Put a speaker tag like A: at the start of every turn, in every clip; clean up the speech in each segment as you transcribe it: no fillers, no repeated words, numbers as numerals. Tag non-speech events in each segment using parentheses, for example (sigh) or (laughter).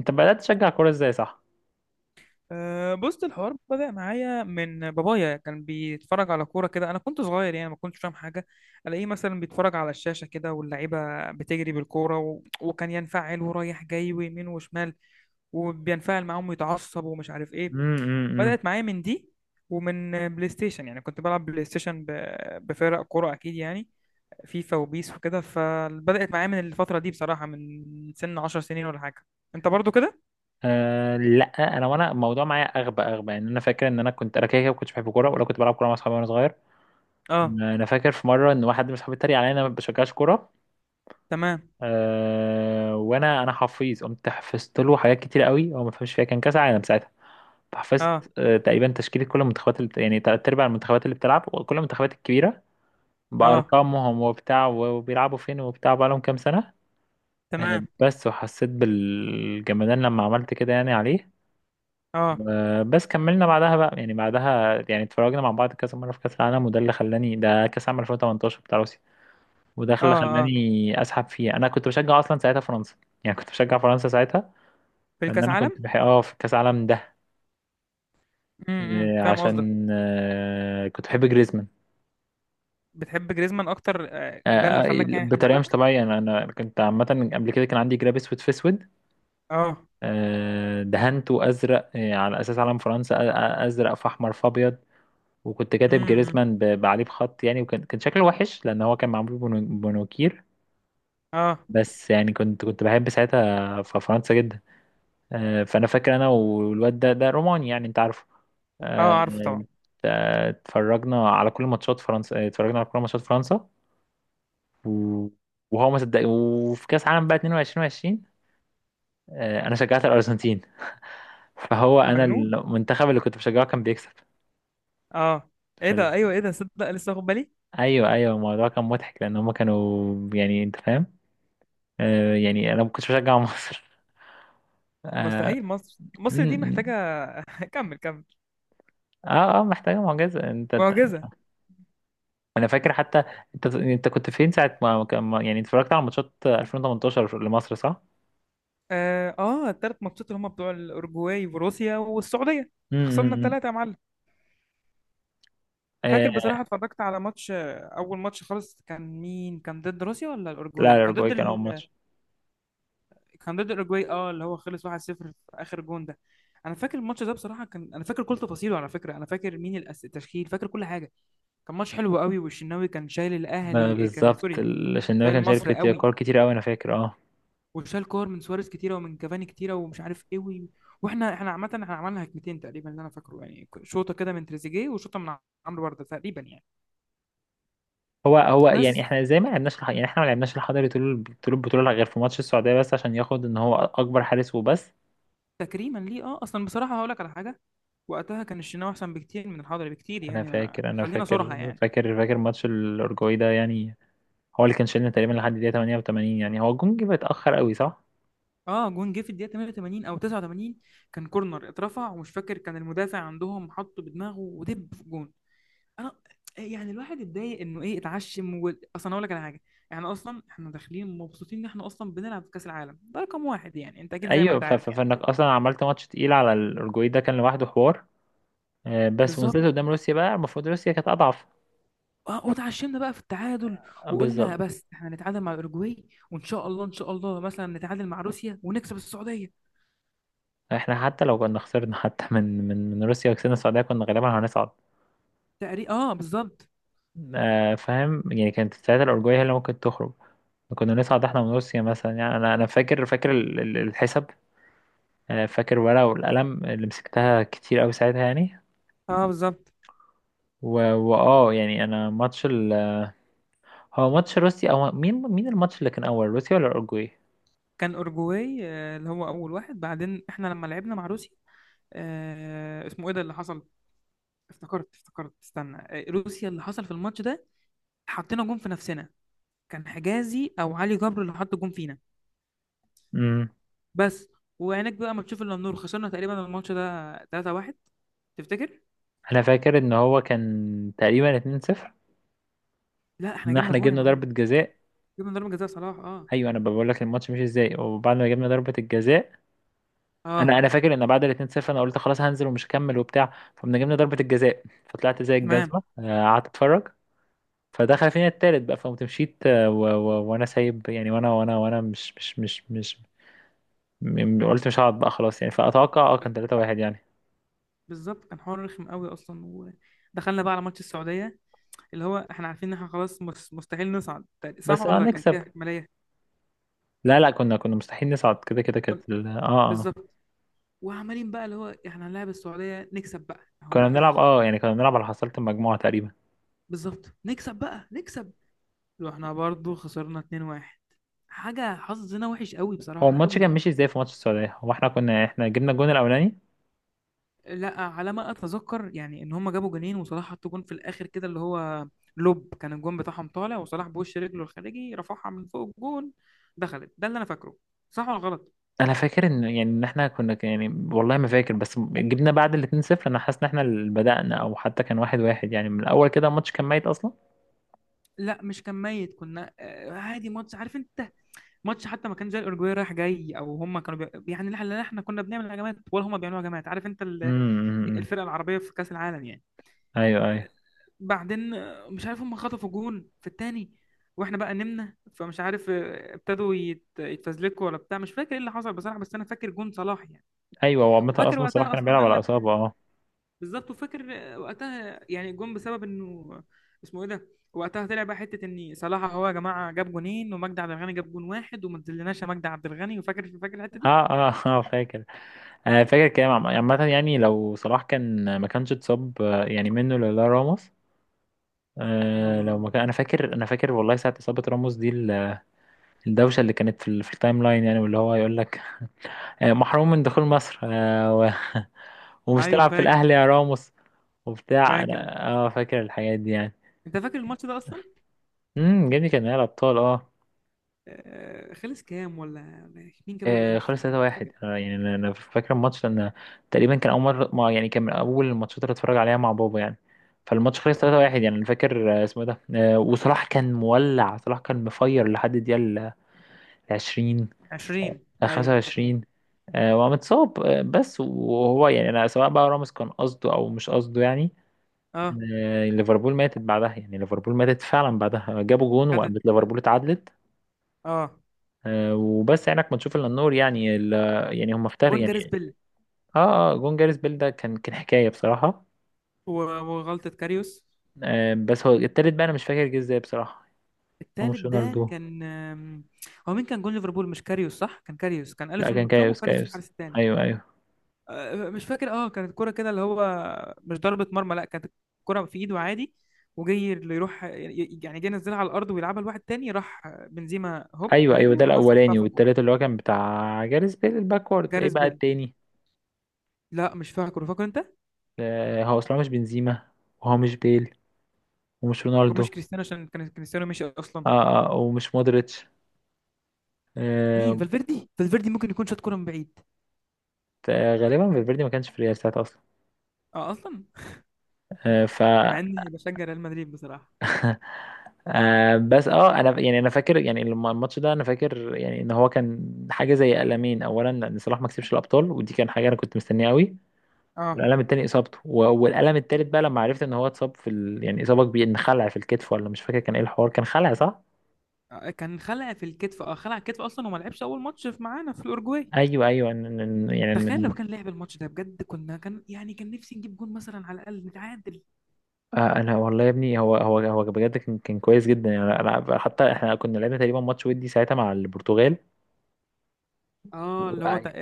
A: انت بدأت تشجع كورة ازاي صح؟
B: أه بص، الحوار بدأ معايا من بابايا. كان بيتفرج على كورة كده، أنا كنت صغير يعني ما كنتش فاهم حاجة. ألاقيه مثلا بيتفرج على الشاشة كده واللعيبة بتجري بالكورة وكان ينفعل ورايح جاي ويمين وشمال، وبينفعل معاهم ويتعصب ومش عارف إيه.
A: امم امم، امم.
B: بدأت معايا من دي، ومن بلاي ستيشن. يعني كنت بلعب بلاي ستيشن بفرق كورة أكيد يعني، فيفا وبيس وكده. فبدأت معايا من الفترة دي بصراحة، من سن 10 سنين ولا حاجة. أنت برضو كده؟
A: لا، انا الموضوع معايا اغبى اغبى، يعني انا فاكر ان انا كنت كده كده ما كنتش بحب كوره، ولا كنت بلعب كوره مع اصحابي وانا صغير.
B: أه.
A: انا فاكر في مره ان واحد من اصحابي اتريق عليا ان انا ما بشجعش كوره.
B: تمام.
A: وانا حفيظ، قمت حفظت له حاجات كتير قوي هو ما فهمش فيها، كان كاس عالم ساعتها.
B: أه.
A: حفظت تقريبا تشكيله كل المنتخبات اللي يعني تلات ارباع المنتخبات اللي بتلعب، وكل المنتخبات الكبيره
B: أه.
A: بارقامهم وبتاع، وبيلعبوا فين وبتاع، بقالهم كام سنه.
B: تمام.
A: بس، وحسيت بالجمدان لما عملت كده يعني عليه.
B: اه.
A: بس كملنا بعدها بقى، يعني بعدها يعني اتفرجنا مع بعض كذا مره في كاس العالم، وده اللي خلاني، ده كاس عام 2018 بتاع روسيا. وده
B: اه.
A: اللي
B: اه.
A: خلاني اسحب فيه، انا كنت بشجع اصلا ساعتها فرنسا. يعني كنت بشجع فرنسا ساعتها،
B: في
A: لان
B: الكاس
A: انا كنت
B: عالم.
A: بحب في كاس العالم ده،
B: امم،
A: آه،
B: فاهم قصدك.
A: عشان آه، كنت بحب جريزمان.
B: بتحب جريزمان اكتر، ده اللي خلاك يعني
A: بطريقه مش
B: حببك.
A: طبيعيه، انا كنت عامه قبل كده كان عندي جراب اسود في اسود،
B: اه.
A: دهنته ازرق، على اساس علم فرنسا، ازرق في احمر في ابيض. وكنت كاتب
B: امم.
A: جريزمان عليه بخط يعني، وكان كان شكله وحش لان هو كان معمول بمونوكير.
B: اه.
A: بس يعني كنت بحب ساعتها في فرنسا جدا. فانا فاكر انا والواد ده، ده روماني يعني، انت عارفه.
B: اه،
A: آه،
B: عارفه طبعا.
A: اتفرجنا على كل ماتشات فرنسا، آه، اتفرجنا على كل ماتشات فرنسا و- وهو ما صدق. وفي كاس عالم بقى 22 20، انا شجعت الارجنتين (laughs) فهو انا
B: مجنون.
A: المنتخب اللي كنت بشجعه كان بيكسب.
B: اه. ايه
A: فال...
B: ده؟ ايوه، ايه ده؟ صدق، لسه واخد بالي.
A: ايوه ايوه، الموضوع كان مضحك لان هم كانوا يعني، انت فاهم، يعني انا ما كنتش بشجع مصر (laughs) اه.
B: مستحيل، مصر
A: م-
B: مصر دي
A: م.
B: محتاجه. (laughs) كمل كمل.
A: اه، محتاجه معجزه انت.
B: معجزه.
A: انا فاكر حتى، انت كنت فين ساعه ما كان ما- يعني اتفرجت على ماتشات 2018 لمصر صح؟
B: اه اه، الثلاث ماتشات اللي هم بتوع الاورجواي وروسيا والسعوديه. خسرنا
A: امم.
B: الثلاثه يا معلم. فاكر
A: آه
B: بصراحه، اتفرجت على ماتش، اول ماتش خالص كان مين؟ كان ضد روسيا ولا
A: لا،
B: الاورجواي؟ كان
A: الأورجواي
B: ضد،
A: كان أول ماتش.
B: كان ضد اوروجواي. اه اللي هو خلص 1-0 في اخر جون ده. انا فاكر الماتش ده بصراحه، كان انا فاكر كل تفاصيله على فكره، انا فاكر مين التشكيل، فاكر كل حاجه. كان ماتش حلو قوي. (laughs) والشناوي كان شايل
A: ما
B: الاهلي، كان
A: بالظبط
B: سوري.
A: الشناوي
B: شايل
A: كان
B: مصر
A: شارك كتير،
B: قوي.
A: كتير قوي، أنا فاكر اه.
B: وشال كور من سواريز كتيره، ومن كافاني كتيره، ومش عارف ايه واحنا عامه، احنا عملنا هجمتين تقريبا اللي انا فاكره. يعني شوطه كده من تريزيجيه، وشوطه من عمرو برده تقريبا يعني.
A: هو يعني،
B: بس.
A: احنا زي ما لعبناش يعني احنا ما لعبناش الحضري طول طول البطولة غير في ماتش السعودية بس، عشان ياخد ان هو أكبر حارس وبس.
B: تكريما ليه. اه اصلا بصراحه هقول لك على حاجه، وقتها كان الشناوي احسن بكتير من الحضري، بكتير
A: أنا
B: يعني، ما
A: فاكر أنا
B: خلينا صراحه
A: فاكر
B: يعني.
A: فاكر فاكر ماتش الأورجواي ده، يعني هو اللي كان شايلنا تقريبا لحد دقيقة 88، يعني هو الجون جه متأخر قوي صح؟
B: اه، جون جه في الدقيقه 88 او 89. كان كورنر اترفع، ومش فاكر، كان المدافع عندهم حطه بدماغه ودب في جون. انا يعني الواحد اتضايق، انه ايه، اتعشم اصلا اقول لك على حاجه، يعني اصلا احنا داخلين مبسوطين ان احنا اصلا بنلعب في كاس العالم، ده رقم واحد يعني، انت اكيد زي ما
A: ايوه
B: انت عارف يعني.
A: فانك اصلا عملت ماتش تقيل على الاورجواي، ده كان لوحده حوار. بس ونزلت
B: بالظبط.
A: قدام روسيا بقى، المفروض روسيا كانت اضعف.
B: اه وتعشمنا بقى في التعادل، وقلنا
A: بالظبط.
B: بس احنا نتعادل مع الاوروجواي، وان شاء الله ان شاء الله مثلا نتعادل مع روسيا ونكسب السعوديه.
A: احنا حتى لو كنا خسرنا حتى من روسيا وكسبنا السعوديه كنا غالبا هنصعد.
B: تقريبا اه بالظبط.
A: فاهم يعني، كانت ساعتها الاورجواي هي اللي ممكن تخرج. كنا نصعد احنا من روسيا مثلا يعني، انا فاكر الحساب، فاكر ورقه والقلم اللي مسكتها كتير قوي ساعتها يعني.
B: اه بالظبط.
A: واه يعني، انا هو ماتش روسيا او مين الماتش اللي كان اول، روسيا ولا الاورجواي؟
B: كان اورجواي، اللي هو اول واحد، بعدين احنا لما لعبنا مع روسيا، اسمه ايه ده اللي حصل؟ افتكرت افتكرت، استنى، روسيا اللي حصل في الماتش ده حطينا جون في نفسنا. كان حجازي او علي جبر اللي حط جون فينا. بس. وعينك بقى ما تشوف الا النور، خسرنا تقريبا الماتش ده 3-1. تفتكر؟
A: انا فاكر ان هو كان تقريبا 2-0،
B: لا احنا
A: ان
B: جبنا
A: احنا
B: جون يا
A: جبنا
B: معلم.
A: ضربة جزاء.
B: جبنا ضربة جزاء صلاح. اه.
A: ايوه انا بقول لك الماتش مش ازاي، وبعد ما جبنا ضربة الجزاء،
B: اه.
A: انا فاكر ان بعد ال 2-0 انا قلت خلاص هنزل ومش هكمل وبتاع، فقمنا جبنا ضربة الجزاء، فطلعت زي
B: تمام.
A: الجزمة، قعدت اتفرج. فدخل فينا التالت بقى فقمت مشيت، وانا سايب يعني، وانا وانا وانا مش مش مش مش م- قلت مش هقعد بقى خلاص يعني، فاتوقع اه كان 3-1 يعني.
B: بالظبط، كان حوار رخم قوي اصلا. ودخلنا بقى على ماتش السعودية، اللي هو احنا عارفين ان احنا خلاص، مستحيل نصعد. صح؟
A: بس اه
B: ولا كان
A: نكسب.
B: فيها احتماليه؟
A: لا لا، كنا مستحيل نصعد كده كده،
B: كن-
A: كانت اه
B: بالظبط. وعمالين بقى اللي هو احنا هنلاعب السعوديه، نكسب بقى اهو،
A: كنا
B: بقى ده
A: بنلعب اه يعني، كنا بنلعب على حصيلة المجموعة تقريبا.
B: بالظبط. نكسب بقى نكسب. واحنا برضو خسرنا 2-1. حاجه، حظنا وحش قوي
A: هو
B: بصراحه،
A: الماتش
B: قوي.
A: كان ماشي ازاي في ماتش السعودية؟ هو احنا احنا جبنا الجون الاولاني.
B: لا على ما اتذكر، يعني ان هم جابوا جونين وصلاح حط جون في الاخر كده، اللي هو لوب. كان الجون بتاعهم طالع، وصلاح بوش رجله الخارجي، رفعها من فوق الجون، دخلت. ده اللي انا فاكره، صح ولا غلط؟
A: انا فاكر ان يعني ان احنا كنا يعني والله ما فاكر، بس جبنا بعد الاتنين صفر، انا حاسس ان احنا اللي بدأنا، او حتى كان واحد واحد يعني، من الاول كده الماتش كان ميت اصلا.
B: لا، مش كان ميت، كنا عادي ماتش، عارف انت، ماتش حتى ما كان زي الاورجواي رايح جاي، او هم كانوا يعني، لا احنا كنا بنعمل هجمات ولا هم بيعملوا هجمات، عارف انت،
A: امم.
B: الفرقه العربيه في كاس العالم يعني.
A: ايوه ايوه
B: بعدين مش عارف، هم خطفوا جون في التاني، واحنا بقى نمنا، فمش عارف، ابتدوا يتفزلكوا ولا بتاع، مش فاكر ايه اللي حصل بصراحه، بس انا فاكر جون صلاح يعني.
A: ايوه. هو عامة
B: وفاكر
A: اصلا صلاح
B: وقتها
A: كان
B: اصلا،
A: بيلعب
B: قال
A: على
B: لك
A: اصابة اه.
B: بالظبط، وفاكر وقتها يعني جون بسبب انه اسمه ايه ده، وقتها طلع بقى حته ان صلاح هو يا جماعه جاب جونين، ومجدي عبد الغني جاب جون واحد وما تذلناش يا مجدي عبد الغني. وفاكر فاكر الحته دي.
A: اه اه (laughs) اه فاكر. انا فاكر كلام عامة يعني، لو صلاح كان ما كانش اتصاب، يعني منه لولا راموس. آه لو
B: اه.
A: ما كان، انا فاكر انا فاكر والله ساعة اصابة راموس دي، الدوشة اللي كانت في التايم لاين يعني، واللي هو يقول لك محروم من دخول مصر، (laughs) ومش
B: ايوه
A: تلعب في
B: فاكر.
A: الأهلي يا راموس، وبتاع.
B: فاكر
A: أنا اه فاكر الحاجات دي يعني.
B: انت فاكر الماتش ده اصلا؟
A: امم، جابني كان نهائي الأبطال اه.
B: خلص كام؟ ولا مين جاب الاجوان؟ مش
A: خلص
B: فاكر، انت فاكر؟
A: 3-1، يعني أنا أنا فاكر الماتش لأن تقريبا كان أول مرة، ما يعني كان من أول الماتشات اللي اتفرج عليها مع بابا يعني. فالماتش خلص
B: آه،
A: 3-1 يعني، أنا فاكر اسمه إيه ده. وصلاح كان مولع، صلاح كان مفير لحد الدقيقة العشرين،
B: 20 ايوه
A: خمسة
B: افتكرت.
A: وعشرين، ومتصاب. بس وهو يعني، أنا سواء بقى راموس كان قصده أو مش قصده يعني.
B: اه.
A: ليفربول ماتت بعدها يعني، ليفربول ماتت فعلا بعدها جابوا جون
B: خدت.
A: وقامت ليفربول اتعادلت.
B: اه،
A: وبس عينك ما تشوف الا النور يعني، يعني هم افتر
B: جون
A: يعني.
B: جاريس بيل.
A: اه اه جون جاريث بيل ده كان كان حكايه بصراحه.
B: و- وغلطة كاريوس.
A: بس هو التالت بقى انا مش فاكر جه ازاي بصراحه. هو
B: التالت
A: مش
B: ده
A: رونالدو.
B: كان، هو مين كان جون ليفربول؟ مش كاريوس؟ صح، كان كاريوس. كان
A: لا
B: أليسون
A: كان
B: متصاب
A: كايوس
B: وكاريوس في
A: كايوس.
B: الحارس التاني.
A: ايوه ايوه
B: مش فاكر، اه كانت الكرة كده اللي هو، مش ضربة مرمى، لا كانت الكرة في ايده عادي، وجاي اللي يروح يعني، جاي ينزلها على الارض ويلعبها لواحد تاني، راح بنزيما هوب
A: ايوه ايوه، ده
B: برجله لمسها وحطها
A: الاولاني،
B: في الجون.
A: والتالت اللي هو كان بتاع جاريث بيل، الباكورد، ايه
B: جاريث
A: بقى
B: بيل.
A: التاني؟
B: لا مش فاكره، فاكر انت؟
A: هو اصلا مش بنزيما، وهو مش بيل، ومش رونالدو.
B: ومش كريستيانو، عشان كان كريستيانو مشي اصلا.
A: اه اه ومش مودريتش.
B: مين؟
A: آه،
B: فالفيردي؟ فالفيردي ممكن يكون شاط كرة من بعيد.
A: غالبا فالفيردي ما كانش في الريال ساعتها اصلا.
B: اه اصلا.
A: آه، ف
B: مع اني بشجع ريال مدريد بصراحة.
A: آه، بس اه انا يعني انا فاكر يعني، لما الماتش ده انا فاكر يعني ان هو كان حاجه زي قلمين، اولا ان صلاح ما كسبش الابطال ودي كان حاجه انا كنت مستنيها قوي،
B: اه،
A: والقلم التاني اصابته، والقلم التالت بقى لما عرفت ان هو اتصاب يعني اصابه كبيره، ان خلع في الكتف ولا مش فاكر كان ايه الحوار، كان خلع صح؟
B: كان خلع في الكتف. اه خلع الكتف اصلا، وما لعبش اول ماتش في معانا في الاورجواي.
A: ايوه ايوه إن- يعني
B: تخيل لو
A: إن-
B: كان لعب الماتش ده بجد، كنا كان يعني، كان نفسي نجيب جون مثلا، على الاقل نتعادل.
A: انا والله يا ابني، هو بجد كان كان كويس جدا يعني، حتى احنا كنا لعبنا تقريبا ماتش ودي ساعتها مع البرتغال
B: اه اللي هو
A: و-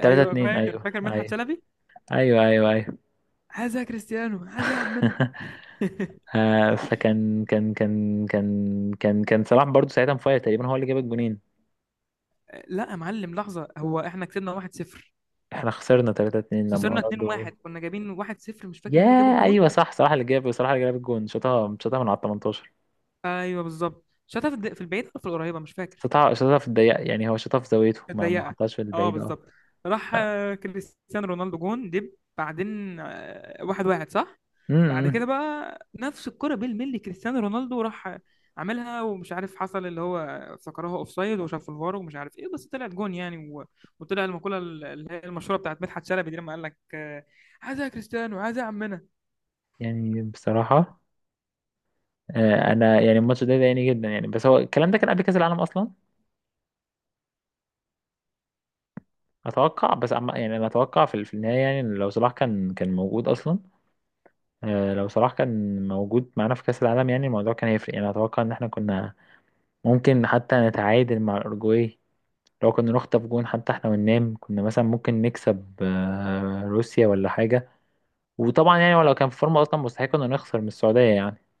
A: 3 2.
B: فاكر.
A: ايوه
B: فاكر مدحت
A: ايوه
B: شلبي،
A: ايوه ايوه ايوه
B: عايزها كريستيانو، عايزها عمنا.
A: (laughs)
B: (laughs)
A: فكان كان كان كان كان كان صلاح برضو ساعتها مفاير تقريبا، هو اللي جاب الجونين.
B: لا يا معلم لحظه، هو احنا كسبنا 1-0،
A: احنا خسرنا 3 2 لما
B: خسرنا
A: رونالدو.
B: 2-1. كنا جايبين 1-0، مش فاكر
A: يا
B: مين اللي جاب الجون.
A: ايوه صح، صلاح اللي جاب، صلاح اللي جاب الجون، شاطها شاطها من على 18،
B: ايوه بالظبط، شاطها في في البعيده ولا في القريبه، مش فاكر.
A: شاطها شاطها في الضيق يعني، هو شاطها في زاويته، ما ما
B: ضيقه.
A: حطهاش في
B: اه
A: البعيد اه.
B: بالظبط. راح كريستيانو رونالدو، جون دب. بعدين واحد واحد، صح. بعد
A: أمم.
B: كده بقى نفس الكرة بالملي، كريستيانو رونالدو راح عملها، ومش عارف، حصل اللي هو افتكرها اوف سايد وشاف الفار ومش عارف ايه، بس طلعت جون يعني وطلع المقولة اللي هي المشهورة بتاعت مدحت شلبي دي لما قال لك، عايزها يا كريستيانو، عايزها يا عمنا.
A: يعني بصراحة، آه انا يعني الماتش ده ضايقني جدا يعني. بس هو الكلام ده كان قبل كأس العالم اصلا، اتوقع. بس يعني انا اتوقع في في النهاية يعني، إن لو صلاح كان كان موجود اصلا، لو صلاح كان موجود معانا في كأس العالم، يعني الموضوع كان هيفرق، يعني أتوقع إن احنا كنا ممكن حتى نتعادل مع الأورجواي. لو كنا نخطف جون حتى احنا وننام، كنا مثلا ممكن نكسب روسيا ولا حاجة. وطبعا يعني لو كان في فورمة أصلا، مستحيل كنا نخسر من السعودية يعني.